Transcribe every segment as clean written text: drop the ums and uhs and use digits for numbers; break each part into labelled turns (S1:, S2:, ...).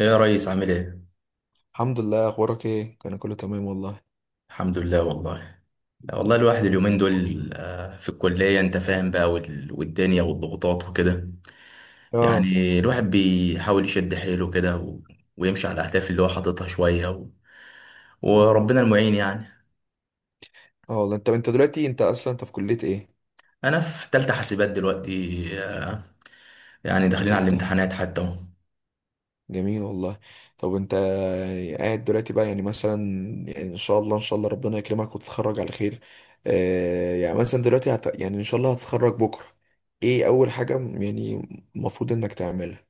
S1: ايه يا ريس عامل ايه؟
S2: الحمد لله، اخبارك ايه؟ انا كله تمام والله.
S1: الحمد لله والله. والله
S2: إيه،
S1: الواحد
S2: انت إيه
S1: اليومين
S2: الأخبار؟
S1: دول في الكلية انت فاهم بقى، والدنيا والضغوطات وكده.
S2: اه.
S1: يعني الواحد بيحاول يشد حيله كده ويمشي على الأهداف اللي هو حاططها شوية،
S2: أمم.
S1: وربنا المعين يعني.
S2: اه والله، انت دلوقتي انت اصلا في كلية ايه؟
S1: أنا في تالتة حاسبات دلوقتي، يعني داخلين على
S2: تالتة.
S1: الامتحانات حتى اهو.
S2: جميل والله. طب انت، يعني قاعد دلوقتي بقى، يعني مثلا، يعني ان شاء الله ان شاء الله ربنا يكرمك وتتخرج على خير. آه يعني مثلا دلوقتي يعني ان شاء الله هتتخرج بكرة. ايه اول حاجة يعني المفروض انك تعملها.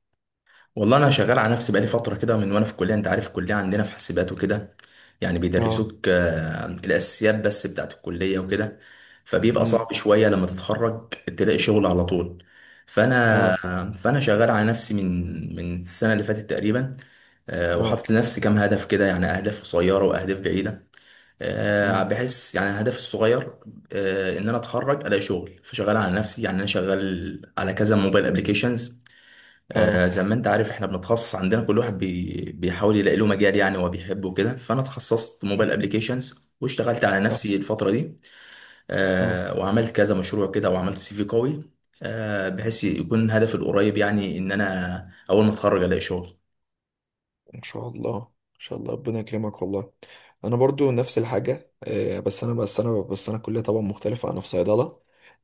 S1: والله انا شغال على نفسي بقالي فتره كده من وانا في الكليه، انت عارف الكليه عندنا في حاسبات وكده. يعني
S2: اه.
S1: بيدرسوك الاساسيات بس بتاعت الكليه وكده. فبيبقى
S2: امم.
S1: صعب شويه لما تتخرج تلاقي شغل على طول.
S2: اه.
S1: فانا شغال على نفسي من السنه اللي فاتت تقريبا.
S2: اه.
S1: وحاطط لنفسي كام هدف كده، يعني اهداف قصيره واهداف بعيده.
S2: امم.
S1: بحس يعني الهدف الصغير ان انا اتخرج الاقي شغل، فشغال على نفسي. يعني انا شغال على كذا موبايل ابلكيشنز.
S2: اه.
S1: زي ما انت عارف احنا بنتخصص عندنا، كل واحد بيحاول يلاقي له مجال يعني هو بيحبه كده. فانا اتخصصت موبايل ابليكيشنز واشتغلت على نفسي الفترة دي.
S2: اه.
S1: وعملت كذا مشروع كده وعملت CV قوي، بحيث يكون هدفي القريب يعني ان انا اول ما اتخرج الاقي شغل.
S2: ان شاء الله ان شاء الله ربنا يكرمك والله. انا برضو نفس الحاجه، بس انا كليه طبعا مختلفه، انا في صيدله.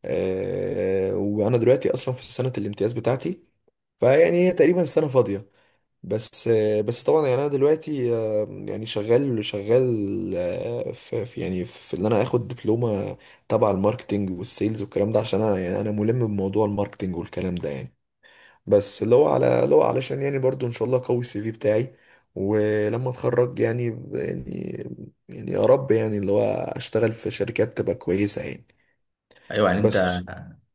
S2: وانا دلوقتي اصلا في سنه الامتياز بتاعتي، فيعني هي تقريبا سنه فاضيه. بس بس طبعا يعني انا دلوقتي، يعني شغال شغال. يعني في ان انا اخد دبلومه تبع الماركتينج والسيلز والكلام ده، عشان انا يعني انا ملم بموضوع الماركتينج والكلام ده يعني. بس اللي هو علشان يعني برضو ان شاء الله قوي السي في بتاعي ولما اتخرج يعني، يعني، يعني يا رب يعني اللي هو اشتغل في شركات تبقى كويسة يعني.
S1: ايوه. يعني انت،
S2: بس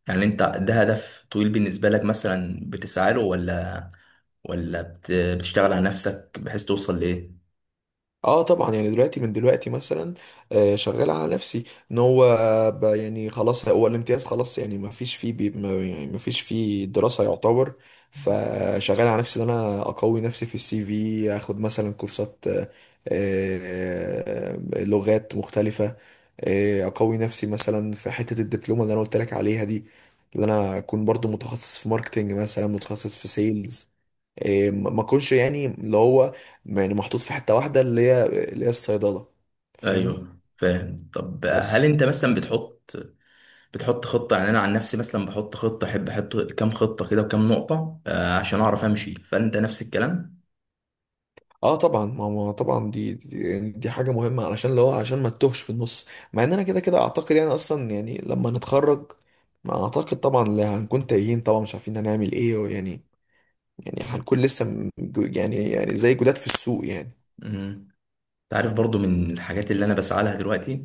S1: يعني انت ده هدف طويل بالنسبة لك مثلا بتسعى له، ولا بتشتغل على نفسك بحيث توصل لايه؟
S2: اه طبعا يعني دلوقتي من دلوقتي مثلا، شغال على نفسي ان هو، يعني خلاص هو الامتياز خلاص، يعني ما فيش فيه دراسة يعتبر. فشغال على نفسي ان انا اقوي نفسي في السي في، اخد مثلا كورسات، آه، لغات مختلفة، اقوي نفسي مثلا في حتة الدبلومة اللي انا قلت لك عليها دي، اللي انا اكون برضو متخصص في ماركتينج، مثلا متخصص في سيلز. إيه، ما اكونش يعني اللي هو، يعني محطوط في حتة واحدة اللي هي، اللي هي الصيدلة. فاهمني؟
S1: ايوه فاهم. طب هل
S2: بس
S1: انت مثلا بتحط خطة؟ يعني أنا عن نفسي مثلا بحط خطة، أحب أحط كام خطة كده وكام نقطة عشان أعرف أمشي، فأنت نفس الكلام.
S2: اه طبعا، ما طبعا، يعني دي حاجة مهمة علشان اللي هو، عشان ما تتوهش في النص. مع ان انا كده كده اعتقد يعني اصلا يعني لما نتخرج، ما اعتقد طبعا اللي هنكون تايهين طبعا مش عارفين هنعمل ايه، ويعني يعني هنكون لسه يعني زي جداد في السوق يعني.
S1: مم. أنت عارف برضو من الحاجات اللي أنا بسعى لها دلوقتي،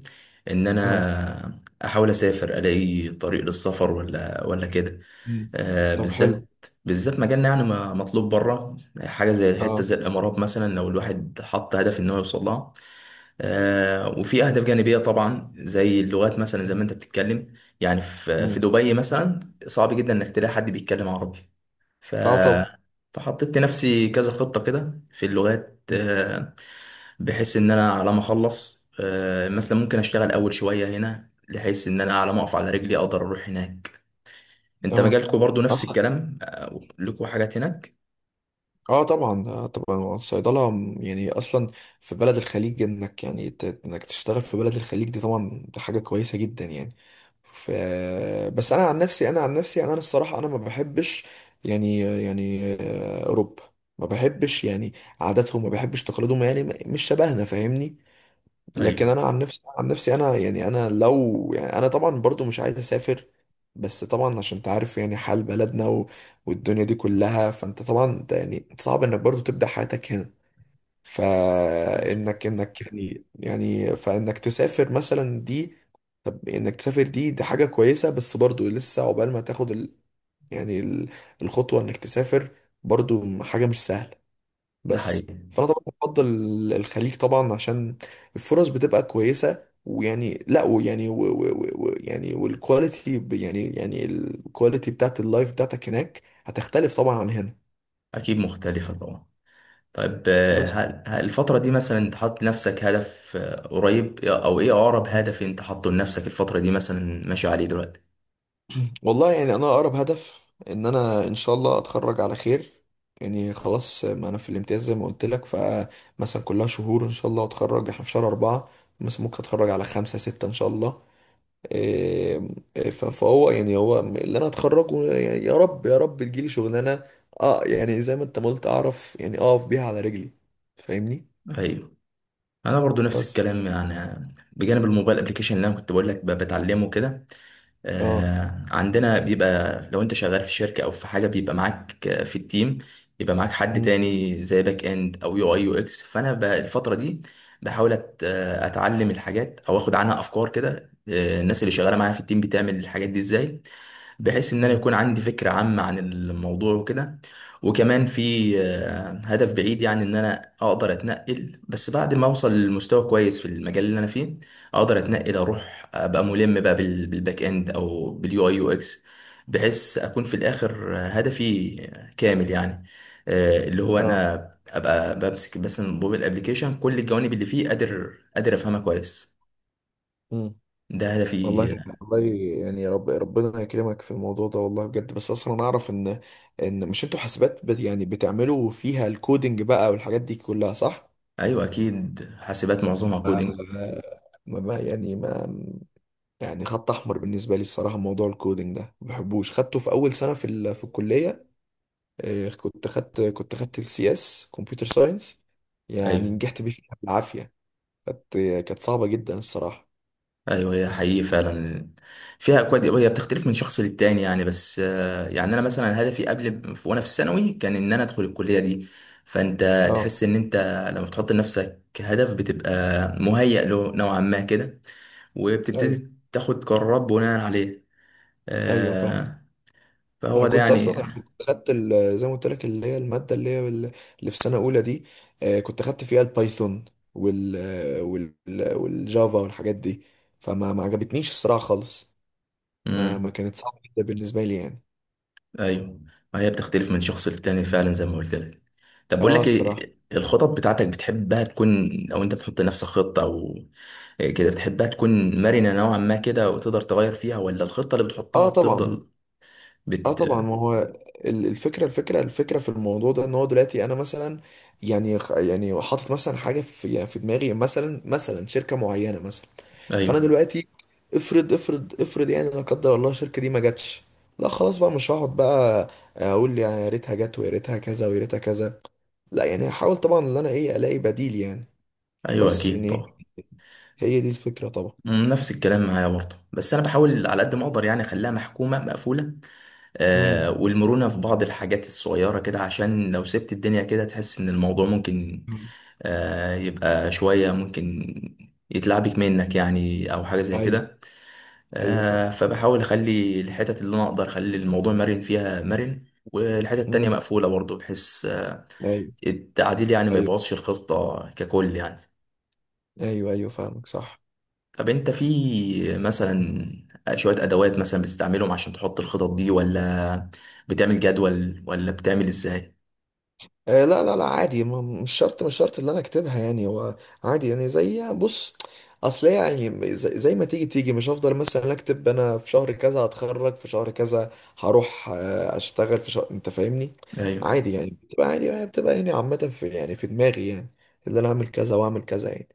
S1: إن
S2: اه.
S1: أنا أحاول أسافر ألاقي طريق للسفر ولا كده.
S2: مم. طب حلو.
S1: بالذات بالذات مجالنا يعني مطلوب بره. حاجه زي حته
S2: اه.
S1: زي الامارات مثلا، لو الواحد حط هدف ان هو يوصل لها. وفي اهداف جانبيه طبعا زي اللغات، مثلا زي ما انت بتتكلم، يعني في
S2: مم.
S1: في دبي مثلا صعب جدا انك تلاقي حد بيتكلم عربي. ف
S2: اه طبعا.
S1: فحطيت لنفسي كذا خطه كده في اللغات،
S2: مم.
S1: بحيث ان انا على ما اخلص مثلا ممكن اشتغل اول شويه هنا بحيث ان انا على ما اقف على رجلي اقدر اروح هناك. انت
S2: اه.
S1: مجالكوا برضو نفس
S2: اصلا.
S1: الكلام، لكوا حاجات هناك.
S2: اه طبعا، آه طبعا الصيدله يعني اصلا في بلد الخليج، انك يعني انك تشتغل في بلد الخليج دي طبعا، دي حاجه كويسه جدا يعني. ف، بس انا عن نفسي، انا الصراحه انا ما بحبش يعني، اوروبا ما بحبش يعني عاداتهم، ما بحبش تقاليدهم، يعني مش شبهنا. فاهمني؟ لكن
S1: ايوه
S2: انا عن نفسي، انا يعني، انا لو يعني، انا طبعا برضو مش عايز اسافر. بس طبعا عشان تعرف يعني حال بلدنا، و... والدنيا دي كلها، فانت طبعا يعني صعب انك برضو تبدأ حياتك هنا. فانك
S1: مظبوط.
S2: انك يعني يعني فانك تسافر مثلا دي. طب انك تسافر دي، حاجة كويسة. بس برضو لسه عقبال ما تاخد ال، يعني ال، الخطوة انك تسافر، برضو حاجة مش سهلة.
S1: ده
S2: بس
S1: حقيقي.
S2: فانا طبعا بفضل الخليج طبعا، عشان الفرص بتبقى كويسه. ويعني، لا، ويعني، و و و و يعني والكواليتي، يعني الكواليتي بتاعت اللايف بتاعتك هناك هتختلف طبعا عن هنا.
S1: اكيد مختلفة طبعا. طيب،
S2: بس
S1: هل الفترة دي مثلا انت حاطط لنفسك هدف قريب، إيه، او ايه اقرب هدف انت حاطه لنفسك الفترة دي مثلا ماشي عليه دلوقتي؟
S2: والله يعني انا اقرب هدف ان انا ان شاء الله اتخرج على خير، يعني خلاص ما انا في الامتياز زي ما قلت لك. فمثلا كلها شهور ان شاء الله اتخرج، احنا في شهر أربعة، مثلا ممكن اتخرج على خمسة ستة ان شاء الله. آه، فهو يعني هو اللي انا اتخرجه، يعني يا رب يا رب تجيلي شغلانه. اه يعني زي ما انت ما قلت، اعرف يعني اقف بيها على رجلي. فاهمني؟
S1: ايوه. انا برضو نفس
S2: بس
S1: الكلام يعني، بجانب الموبايل ابلكيشن اللي انا كنت بقول لك بتعلمه كده.
S2: اه.
S1: عندنا بيبقى لو انت شغال في شركة او في حاجة بيبقى معاك في التيم، يبقى معاك حد
S2: امم.
S1: تاني زي باك اند او UI UX. فانا الفترة دي بحاول اتعلم الحاجات او اخد عنها افكار كده. الناس اللي شغالة معايا في التيم بتعمل الحاجات دي ازاي، بحيث ان انا
S2: مم.
S1: يكون عندي فكرة عامة عن الموضوع وكده. وكمان في هدف بعيد، يعني ان انا اقدر اتنقل بس بعد ما اوصل لمستوى كويس في المجال اللي انا فيه، اقدر اتنقل اروح ابقى ملم بقى بالباك اند او باليو اي يو اكس، بحيث اكون في الاخر هدفي كامل يعني. اللي هو
S2: اه.
S1: انا ابقى بمسك بس الموبايل ابلكيشن كل الجوانب اللي فيه قادر افهمها كويس.
S2: امم.
S1: ده هدفي.
S2: والله والله يعني يا رب ربنا يكرمك في الموضوع ده والله بجد. بس اصلا انا اعرف ان، ان مش انتوا حاسبات يعني بتعملوا فيها الكودينج بقى والحاجات دي كلها، صح؟
S1: ايوه اكيد، حاسبات معظمها
S2: ما
S1: كودينج.
S2: يعني ما، يعني خط احمر بالنسبه لي الصراحه موضوع الكودينج ده، ما بحبوش. خدته في اول سنه في ال، في الكليه. كنت خدت السي اس كمبيوتر ساينس، يعني
S1: ايوه،
S2: نجحت بيه فيها بالعافيه. كانت، صعبه جدا الصراحه.
S1: ايوه، هي حقيقي فعلا فيها اكواد، هي بتختلف من شخص للتاني يعني. بس يعني انا مثلا هدفي قبل وانا في الثانوي كان ان انا ادخل الكليه دي. فانت
S2: اه
S1: تحس ان انت لما بتحط لنفسك هدف بتبقى مهيأ له نوعا ما كده،
S2: ايوه،
S1: وبتبتدي تاخد قرارات بناء عليه.
S2: ايوه فاهم.
S1: آه،
S2: انا
S1: فهو ده
S2: كنت اصلا،
S1: يعني
S2: أنا
S1: انا.
S2: زي ما قلت لك اللي هي الماده اللي هي ال، اللي في سنه اولى دي، كنت خدت فيها البايثون، وال وال والجافا والحاجات دي. فما، ما عجبتنيش الصراحه خالص. ما ما
S1: امم
S2: كانت صعبه جدا بالنسبه لي يعني.
S1: ايوه، ما هي بتختلف من شخص للتاني فعلا زي ما قلت لك. طب بقول
S2: اه
S1: لك
S2: الصراحة.
S1: ايه الخطط بتاعتك بتحبها تكون، او انت بتحط لنفسك خطه كده بتحبها تكون مرنة نوعا ما كده وتقدر تغير فيها، ولا الخطة اللي بتحطها
S2: اه طبعا،
S1: بتفضل
S2: اه
S1: بت
S2: طبعا ما هو، الفكرة في الموضوع ده ان هو دلوقتي انا مثلا، يعني يعني حاطط مثلا حاجة في، يعني في دماغي مثلا، مثلا شركة معينة مثلا. فانا
S1: ايوه،
S2: دلوقتي، افرض يعني لا قدر الله الشركة دي ما جاتش، لا خلاص بقى، مش هقعد بقى اقول يعني يا ريتها جت ويا ريتها كذا ويا ريتها كذا، لا يعني هحاول طبعا ان انا ايه الاقي بديل يعني.
S1: ايوه
S2: بس
S1: اكيد
S2: يعني،
S1: طبعا.
S2: هي دي الفكرة طبعا.
S1: نفس الكلام معايا برضه. بس انا بحاول على قد ما اقدر يعني اخليها محكومة مقفولة،
S2: امم.
S1: والمرونة في بعض الحاجات الصغيرة كده عشان لو سبت الدنيا كده تحس ان الموضوع ممكن يبقى شوية ممكن يتلعبك منك يعني، او حاجة زي
S2: ايوه
S1: كده.
S2: ايوه فاهم.
S1: فبحاول اخلي الحتت اللي انا اقدر اخلي الموضوع مرن فيها مرن، والحتة التانية
S2: امم.
S1: مقفولة برضه، بحيث
S2: ايوه.
S1: التعديل يعني ما
S2: ايوه
S1: يبوظش الخطة ككل يعني.
S2: ايوه ايوه فاهمك صح.
S1: طب انت في مثلا شوية ادوات مثلا بتستعملهم عشان تحط الخطط دي، ولا بتعمل جدول ولا بتعمل ازاي؟
S2: آه لا لا لا، عادي، مش شرط، اللي انا اكتبها يعني، هو عادي يعني، زي بص، اصل هي يعني زي ما تيجي تيجي، مش هفضل مثلا اكتب انا في شهر كذا هتخرج في شهر كذا، هروح اشتغل في شهر، انت فاهمني.
S1: ايوه.
S2: عادي يعني بتبقى عادي، يعني بتبقى يعني عامة في يعني في دماغي يعني، اللي انا اعمل كذا واعمل كذا يعني.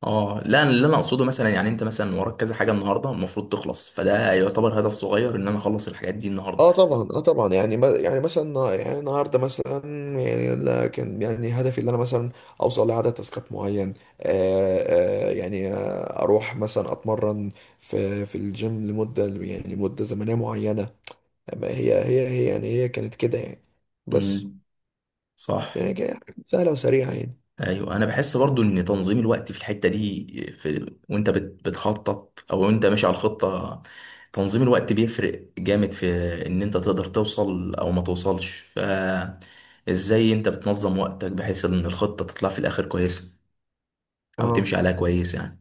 S1: اه لا، أنا اللي انا اقصده مثلا يعني انت مثلا وراك كذا حاجة النهاردة المفروض تخلص، فده يعتبر هدف صغير ان انا اخلص الحاجات دي النهاردة.
S2: اه طبعا، اه طبعا يعني يعني مثلا، يعني النهارده مثلا يعني، لا كان يعني هدفي ان انا مثلا اوصل لعدد تاسكات معين. يعني آه، اروح مثلا اتمرن في في الجيم لمده، يعني مده زمنيه معينه. ما هي، يعني هي كانت كده يعني. بس
S1: امم، صح.
S2: يعني كانت سهله وسريعه يعني.
S1: ايوه، انا بحس برضو ان تنظيم الوقت في الحته دي، وانت بتخطط او وانت ماشي على الخطه، تنظيم الوقت بيفرق جامد في ان انت تقدر توصل او ما توصلش. فازاي انت بتنظم وقتك بحيث ان الخطه تطلع في الاخر كويسه، او تمشي
S2: اه.
S1: عليها كويس يعني.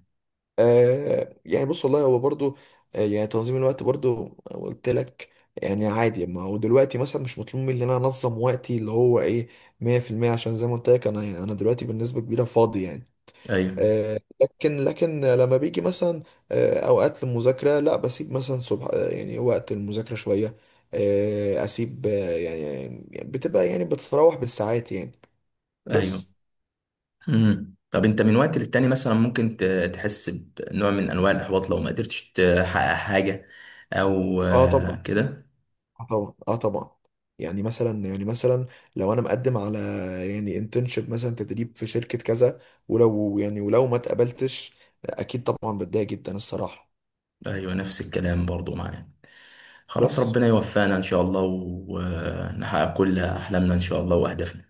S2: آه يعني بص والله، هو برضو، آه يعني تنظيم الوقت برضو قلت لك يعني. عادي ما هو دلوقتي مثلا مش مطلوب مني ان انا انظم وقتي اللي هو ايه 100% عشان زي ما قلت لك، انا، انا دلوقتي بالنسبه كبيره فاضي يعني.
S1: ايوه،
S2: آه لكن، لما بيجي مثلا آه اوقات للمذاكره، لا بسيب مثلا صبح، يعني وقت المذاكره شويه، اسيب آه يعني، يعني بتبقى، يعني بتتراوح بالساعات يعني.
S1: ايوه.
S2: بس
S1: طب انت من وقت للتاني مثلا ممكن تحس بنوع من انواع الاحباط لو ما قدرتش تحقق حاجه، او
S2: اه طبعا،
S1: كده.
S2: اه طبعا، اه طبعا، يعني مثلا، يعني مثلا لو انا مقدم على يعني انترنشيب مثلا، تدريب في شركة كذا، ولو يعني، ولو ما اتقبلتش، اكيد طبعا بتضايق جدا الصراحة.
S1: ايوه نفس الكلام برضو معايا. خلاص،
S2: بس
S1: ربنا يوفقنا إن شاء الله ونحقق كل أحلامنا إن شاء الله وأهدافنا.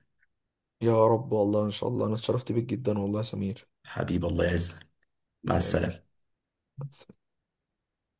S2: يا رب والله ان شاء الله، انا اتشرفت بيك جدا والله يا سمير،
S1: حبيب الله يعزك. مع
S2: حبيب قلبي.
S1: السلامة.